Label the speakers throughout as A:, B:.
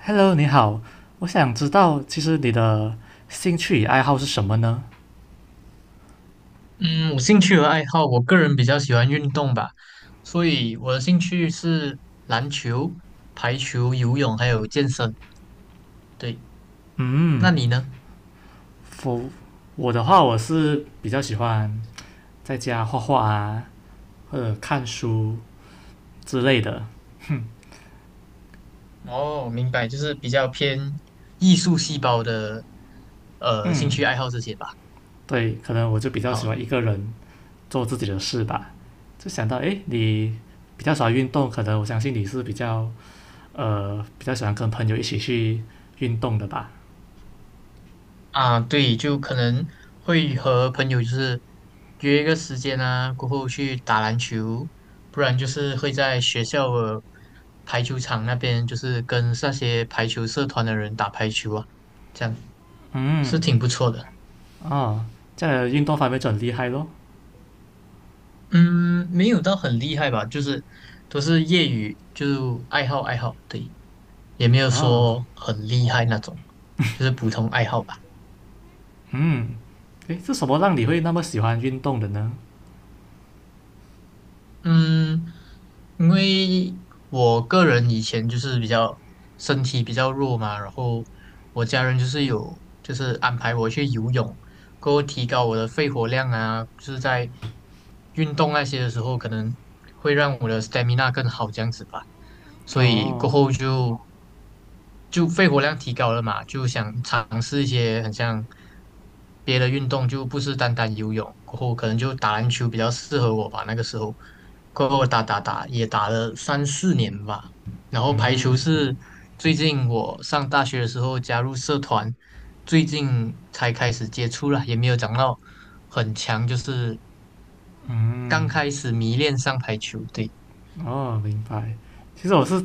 A: Hello，你好，我想知道，其实你的兴趣与爱好是什么呢？
B: 嗯，我兴趣和爱好，我个人比较喜欢运动吧，所以我的兴趣是篮球、排球、游泳还有健身。对，那你呢？
A: 我我的话，我是比较喜欢在家画画啊，或者看书之类的。
B: 哦，明白，就是比较偏艺术细胞的兴趣爱好这些吧。
A: 对，可能我就比较喜
B: 好，
A: 欢一个人做自己的事吧。就想到，诶，你比较喜欢运动，可能我相信你是比较喜欢跟朋友一起去运动的吧？
B: 啊，对，就可能会和朋友就是约一个时间啊，过后去打篮球，不然就是会在学校的排球场那边，就是跟那些排球社团的人打排球啊，这样是挺不错的。
A: 哦，这样的运动方面就很厉害咯。
B: 嗯，没有到很厉害吧，就是都是业余，就爱好爱好，对，也没有
A: 哦，
B: 说很厉害那种，就是普通爱好吧。
A: 诶，是什么让你会那么喜欢运动的呢？
B: 嗯，因为我个人以前就是比较身体比较弱嘛，然后我家人就是有就是安排我去游泳，过后提高我的肺活量啊，就是在运动那些的时候，可能会让我的 stamina 更好这样子吧。所以
A: 哦，
B: 过后就肺活量提高了嘛，就想尝试一些很像别的运动，就不是单单游泳。过后可能就打篮球比较适合我吧，那个时候，过后打也打了三四年吧。然后排球是最近我上大学的时候加入社团，最近才开始接触了，也没有长到很强，就是刚开始迷恋上排球。对，
A: 哦，明白。其实我是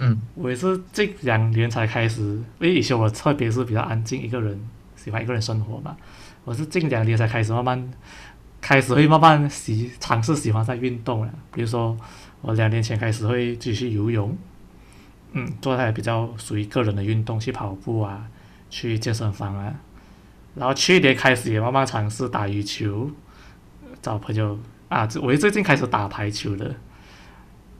B: 嗯
A: 我也是近两年才开始，因为以前我特别是比较安静一个人，喜欢一个人生活嘛。我是近两年才开始慢慢开始会慢慢喜尝试喜欢上运动了。比如说，我两年前开始会继续游泳，嗯，做那些比较属于个人的运动，去跑步啊，去健身房啊。然后去年开始也慢慢尝试打羽球，找朋友啊，这我最近开始打排球了。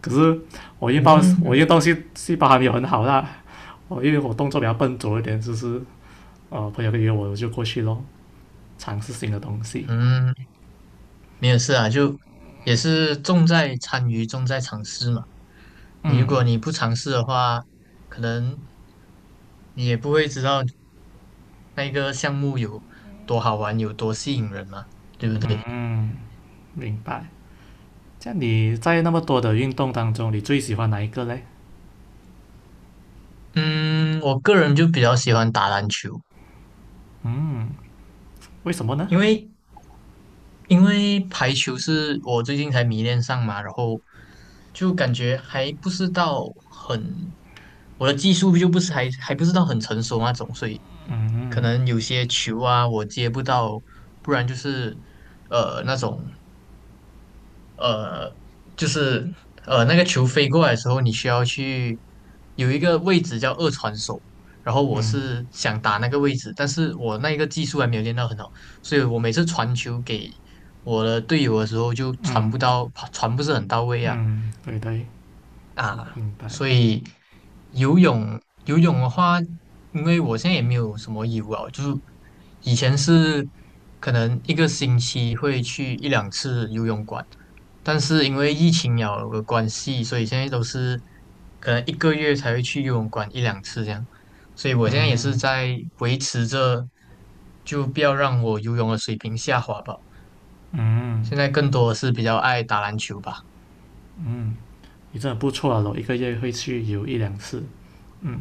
A: 可是我运
B: 嗯
A: 动细胞还没有很好啦，因为我动作比较笨拙一点，就是朋友约我就过去咯，尝试新的东西。
B: 嗯。没有事啊，就也是重在参与，重在尝试嘛。你如果不尝试的话，可能你也不会知道那个项目有多好玩，有多吸引人嘛。
A: 明白。像你在那么多的运动当中，你最喜欢哪一个嘞？
B: 嗯，我个人就比较喜欢打篮球，
A: 为什么呢？
B: 因为因为排球是我最近才迷恋上嘛，然后就感觉还不是到很，我的技术就不是还不是到很成熟那种，所以可能有些球啊我接不到，不然就是那种呃就是那个球飞过来的时候，你需要去有一个位置叫二传手，然后我是想打那个位置，但是我那一个技术还没有练到很好，所以我每次传球给我的队友的时候就传
A: 嗯
B: 不到，传不是很到位啊。
A: 嗯，对对，
B: 啊，
A: 明白。
B: 所以游泳的话，因为我现在也没有什么义务啊，就是以前是可能一个星期会去一两次游泳馆，但是因为疫情有的关系，所以现在都是可能一个月才会去游泳馆一两次这样，所以我现在也是在维持着，就不要让我游泳的水平下滑吧。现在更多的是比较爱打篮球吧，
A: 你真的不错啊，我一个月会去游一两次。嗯，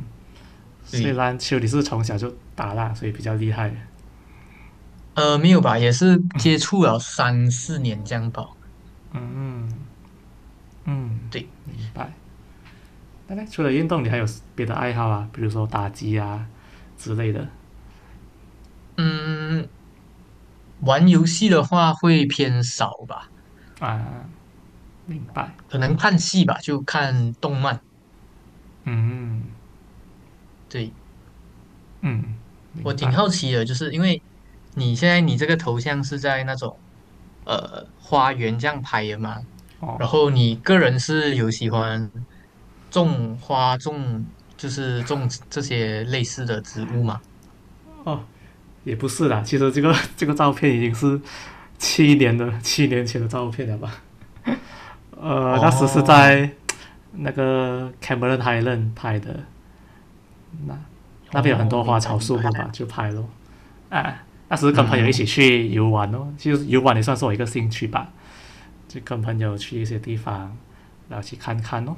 A: 虽
B: 对。
A: 然球你是从小就打啦，所以比较厉害。
B: 呃，没有吧，也是接触了三四年这样吧。
A: 嗯嗯嗯，
B: 对，
A: 明白。那概除了运动，你还有别的爱好啊？比如说打机啊之类的
B: 嗯，玩游戏的话会偏少吧，
A: 啊？明白，
B: 可能看戏吧，就看动漫。对，
A: 嗯，明
B: 我挺
A: 白。
B: 好奇的，就是因为你现在你这个头像是在那种花园这样拍的嘛，
A: 哦
B: 然后你个人是有喜欢种花种，就是种这些类似的植物嘛？
A: 哦，也不是啦，其实这个 这个照片已经是七年前的照片了吧？那时是
B: 哦，
A: 在那个 Cameron Highland 拍的，那那边有很
B: 哦，
A: 多花
B: 明白
A: 草
B: 明
A: 树
B: 白，
A: 木吧，就拍咯。啊，那时跟朋友一起
B: 嗯。
A: 去游玩咯，其实游玩也算是我一个兴趣吧，就跟朋友去一些地方，然后去看看咯。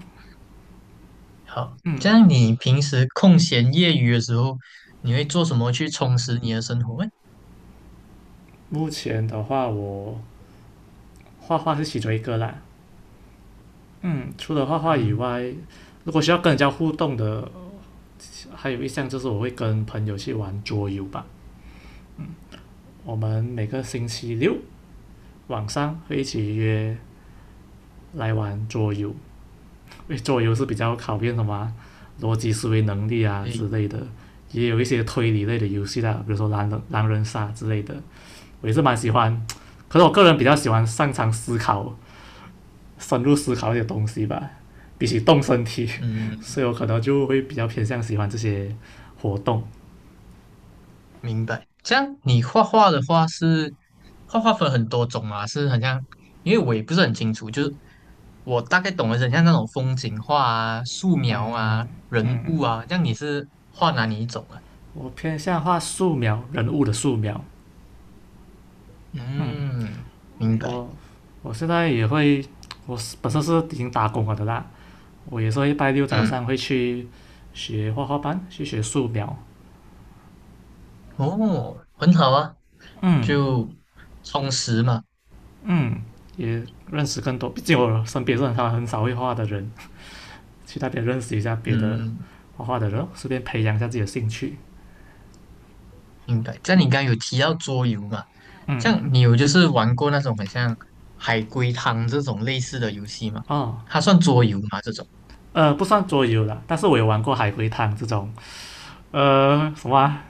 B: 好，这
A: 嗯，
B: 样你平时空闲业余的时候，你会做什么去充实你的生活？
A: 目前的话我画画是其中一个啦。嗯，除了画画以
B: 嗯，
A: 外，如果需要跟人家互动的，还有一项就是我会跟朋友去玩桌游吧。我们每个星期六晚上会一起约来玩桌游，因为桌游是比较考验什么啊逻辑思维能力啊
B: 对，
A: 之类的，也有一些推理类的游戏啦，比如说狼人杀之类的，我也是蛮喜欢。可是我个人比较喜欢擅长思考深入思考一些东西吧，比起动身体，
B: 嗯，
A: 所以我可能就会比较偏向喜欢这些活动。
B: 明白。这样你画画的话是画画分很多种啊，是很像，因为我也不是很清楚，就是我大概懂的是很像那种风景画啊、素描啊、人
A: 嗯，
B: 物啊。这样你是画哪里一种啊？
A: 我偏向画素描人物的素描。嗯，
B: 嗯，明白。
A: 我我现在也会，我本身是已经打工了的啦，我也是会拜六早
B: 嗯，
A: 上会去学画画班，去学素描。
B: 哦，很好啊，
A: 嗯
B: 就充实嘛。
A: 嗯，也认识更多，毕竟我身边是很少很少会画的人，去那边认识一下别的
B: 嗯。
A: 画画的人，顺便培养一下自己的兴趣。
B: 明白。像你刚刚有提到桌游嘛，像你有就是玩过那种很像海龟汤这种类似的游戏吗？
A: 啊。
B: 它算桌游吗？这种？
A: 不算桌游啦，但是我有玩过海龟汤这种，呃，什么啊、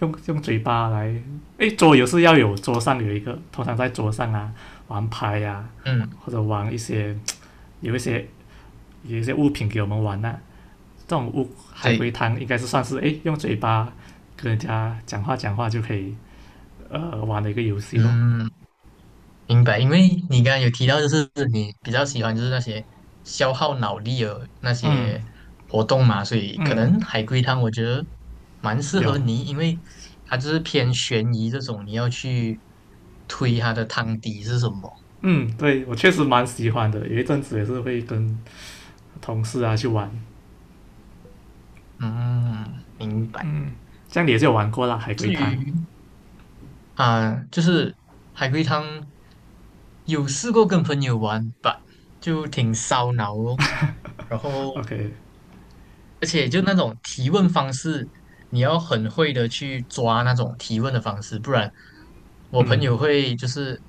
A: 用用嘴巴来，诶，桌游是要有桌上有一个，通常在桌上啊玩牌呀、啊
B: 嗯，
A: 或者玩一些有一些有一些物品给我们玩呐、啊这种物海龟
B: 对，
A: 汤应该是算是诶，用嘴巴跟人家讲话就可以玩的一个游戏咯。
B: 嗯，明白。因为你刚刚有提到，就是你比较喜欢就是那些消耗脑力的那
A: 嗯
B: 些活动嘛，所以可
A: 嗯，
B: 能海龟汤我觉得蛮适合
A: 有
B: 你，因为它就是偏悬疑这种，你要去推它的汤底是什么。
A: 嗯，对我确实蛮喜欢的，有一阵子也是会跟同事啊去玩，
B: 嗯，明白。
A: 这样你也是有玩过啦，海龟
B: 至
A: 汤。
B: 于啊，就是海龟汤，有试过跟朋友玩吧，就挺烧脑哦。然后，
A: OK，
B: 而且就那种提问方式，你要很会的去抓那种提问的方式，不然我朋友会就是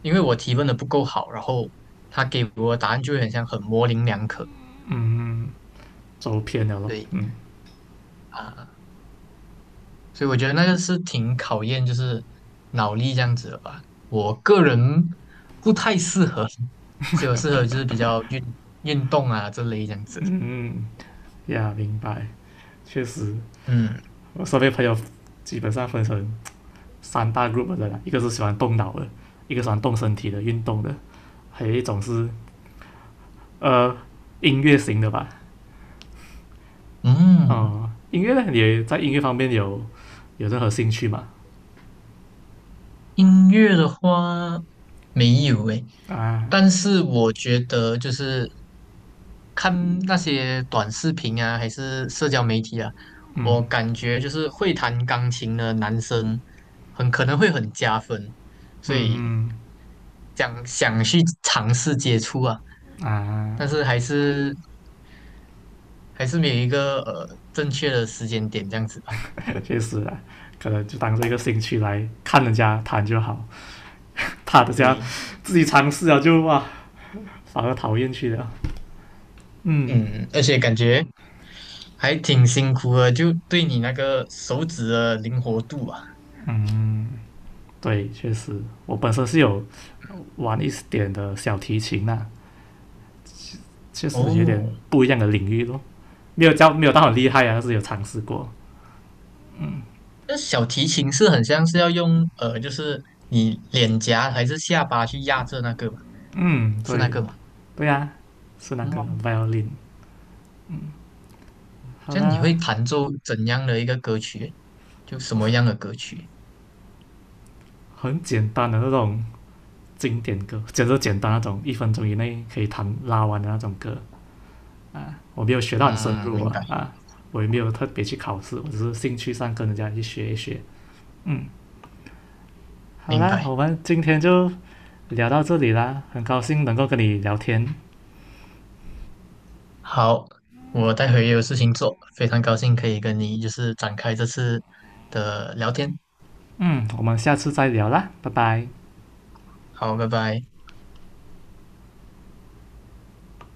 B: 因为我提问的不够好，然后他给我的答案就会很像很模棱两可。
A: 走偏了咯。
B: 对
A: 嗯
B: 啊，所以我觉得那个是挺考验就是脑力这样子的吧。我个人不太适合，所以我适合就是比较运动啊这类这样子。
A: 嗯嗯，呀，明白，确实，
B: 嗯
A: 我身边朋友基本上分成三大 group 的啦，一个是喜欢动脑的，一个喜欢动身体的运动的，还有一种是呃音乐型的吧。
B: 嗯。
A: 哦、音乐呢，也在音乐方面有任何兴趣嘛？
B: 音乐的话没有诶，
A: 啊，
B: 但是我觉得就是看那些短视频啊，还是社交媒体啊，我
A: 嗯
B: 感觉就是会弹钢琴的男生很可能会很加分，所以想想去尝试接触啊，但
A: 啊，
B: 是还是没有一个正确的时间点这样子吧。
A: 确实啊，可能就当做一个兴趣来看人家弹就好，他的这样
B: 对，
A: 自己尝试了就哇，反而讨厌去了。嗯，
B: 嗯，而且感觉还挺辛苦的，就对你那个手指的灵活度啊。
A: 对，确实，我本身是有玩一点的小提琴呐、啊确实有点
B: 哦，
A: 不一样的领域咯。没有教，没有到很厉害啊，但是有尝试过。
B: 那小提琴是很像是要用，就是你脸颊还是下巴去压着那个嘛，
A: 嗯，
B: 是那
A: 对，
B: 个吗？
A: 对呀、是那个
B: 嗯，
A: violin。好
B: 这样你
A: 啦，
B: 会弹奏怎样的一个歌曲？就什么样的歌曲？
A: 很简单的那种经典歌，简直简单那种，一分钟以内可以完的那种歌啊。我没有学到很深
B: 嗯，
A: 入
B: 明白
A: 啊，我也没有特别去考试，我只是兴趣上跟人家去学一学。嗯，好
B: 明
A: 啦，
B: 白。
A: 我们今天就聊到这里啦，很高兴能够跟你聊天。
B: 好，我待会也有事情做，非常高兴可以跟你就是展开这次的聊天。
A: 嗯，我们下次再聊啦，拜拜。
B: 好，拜拜。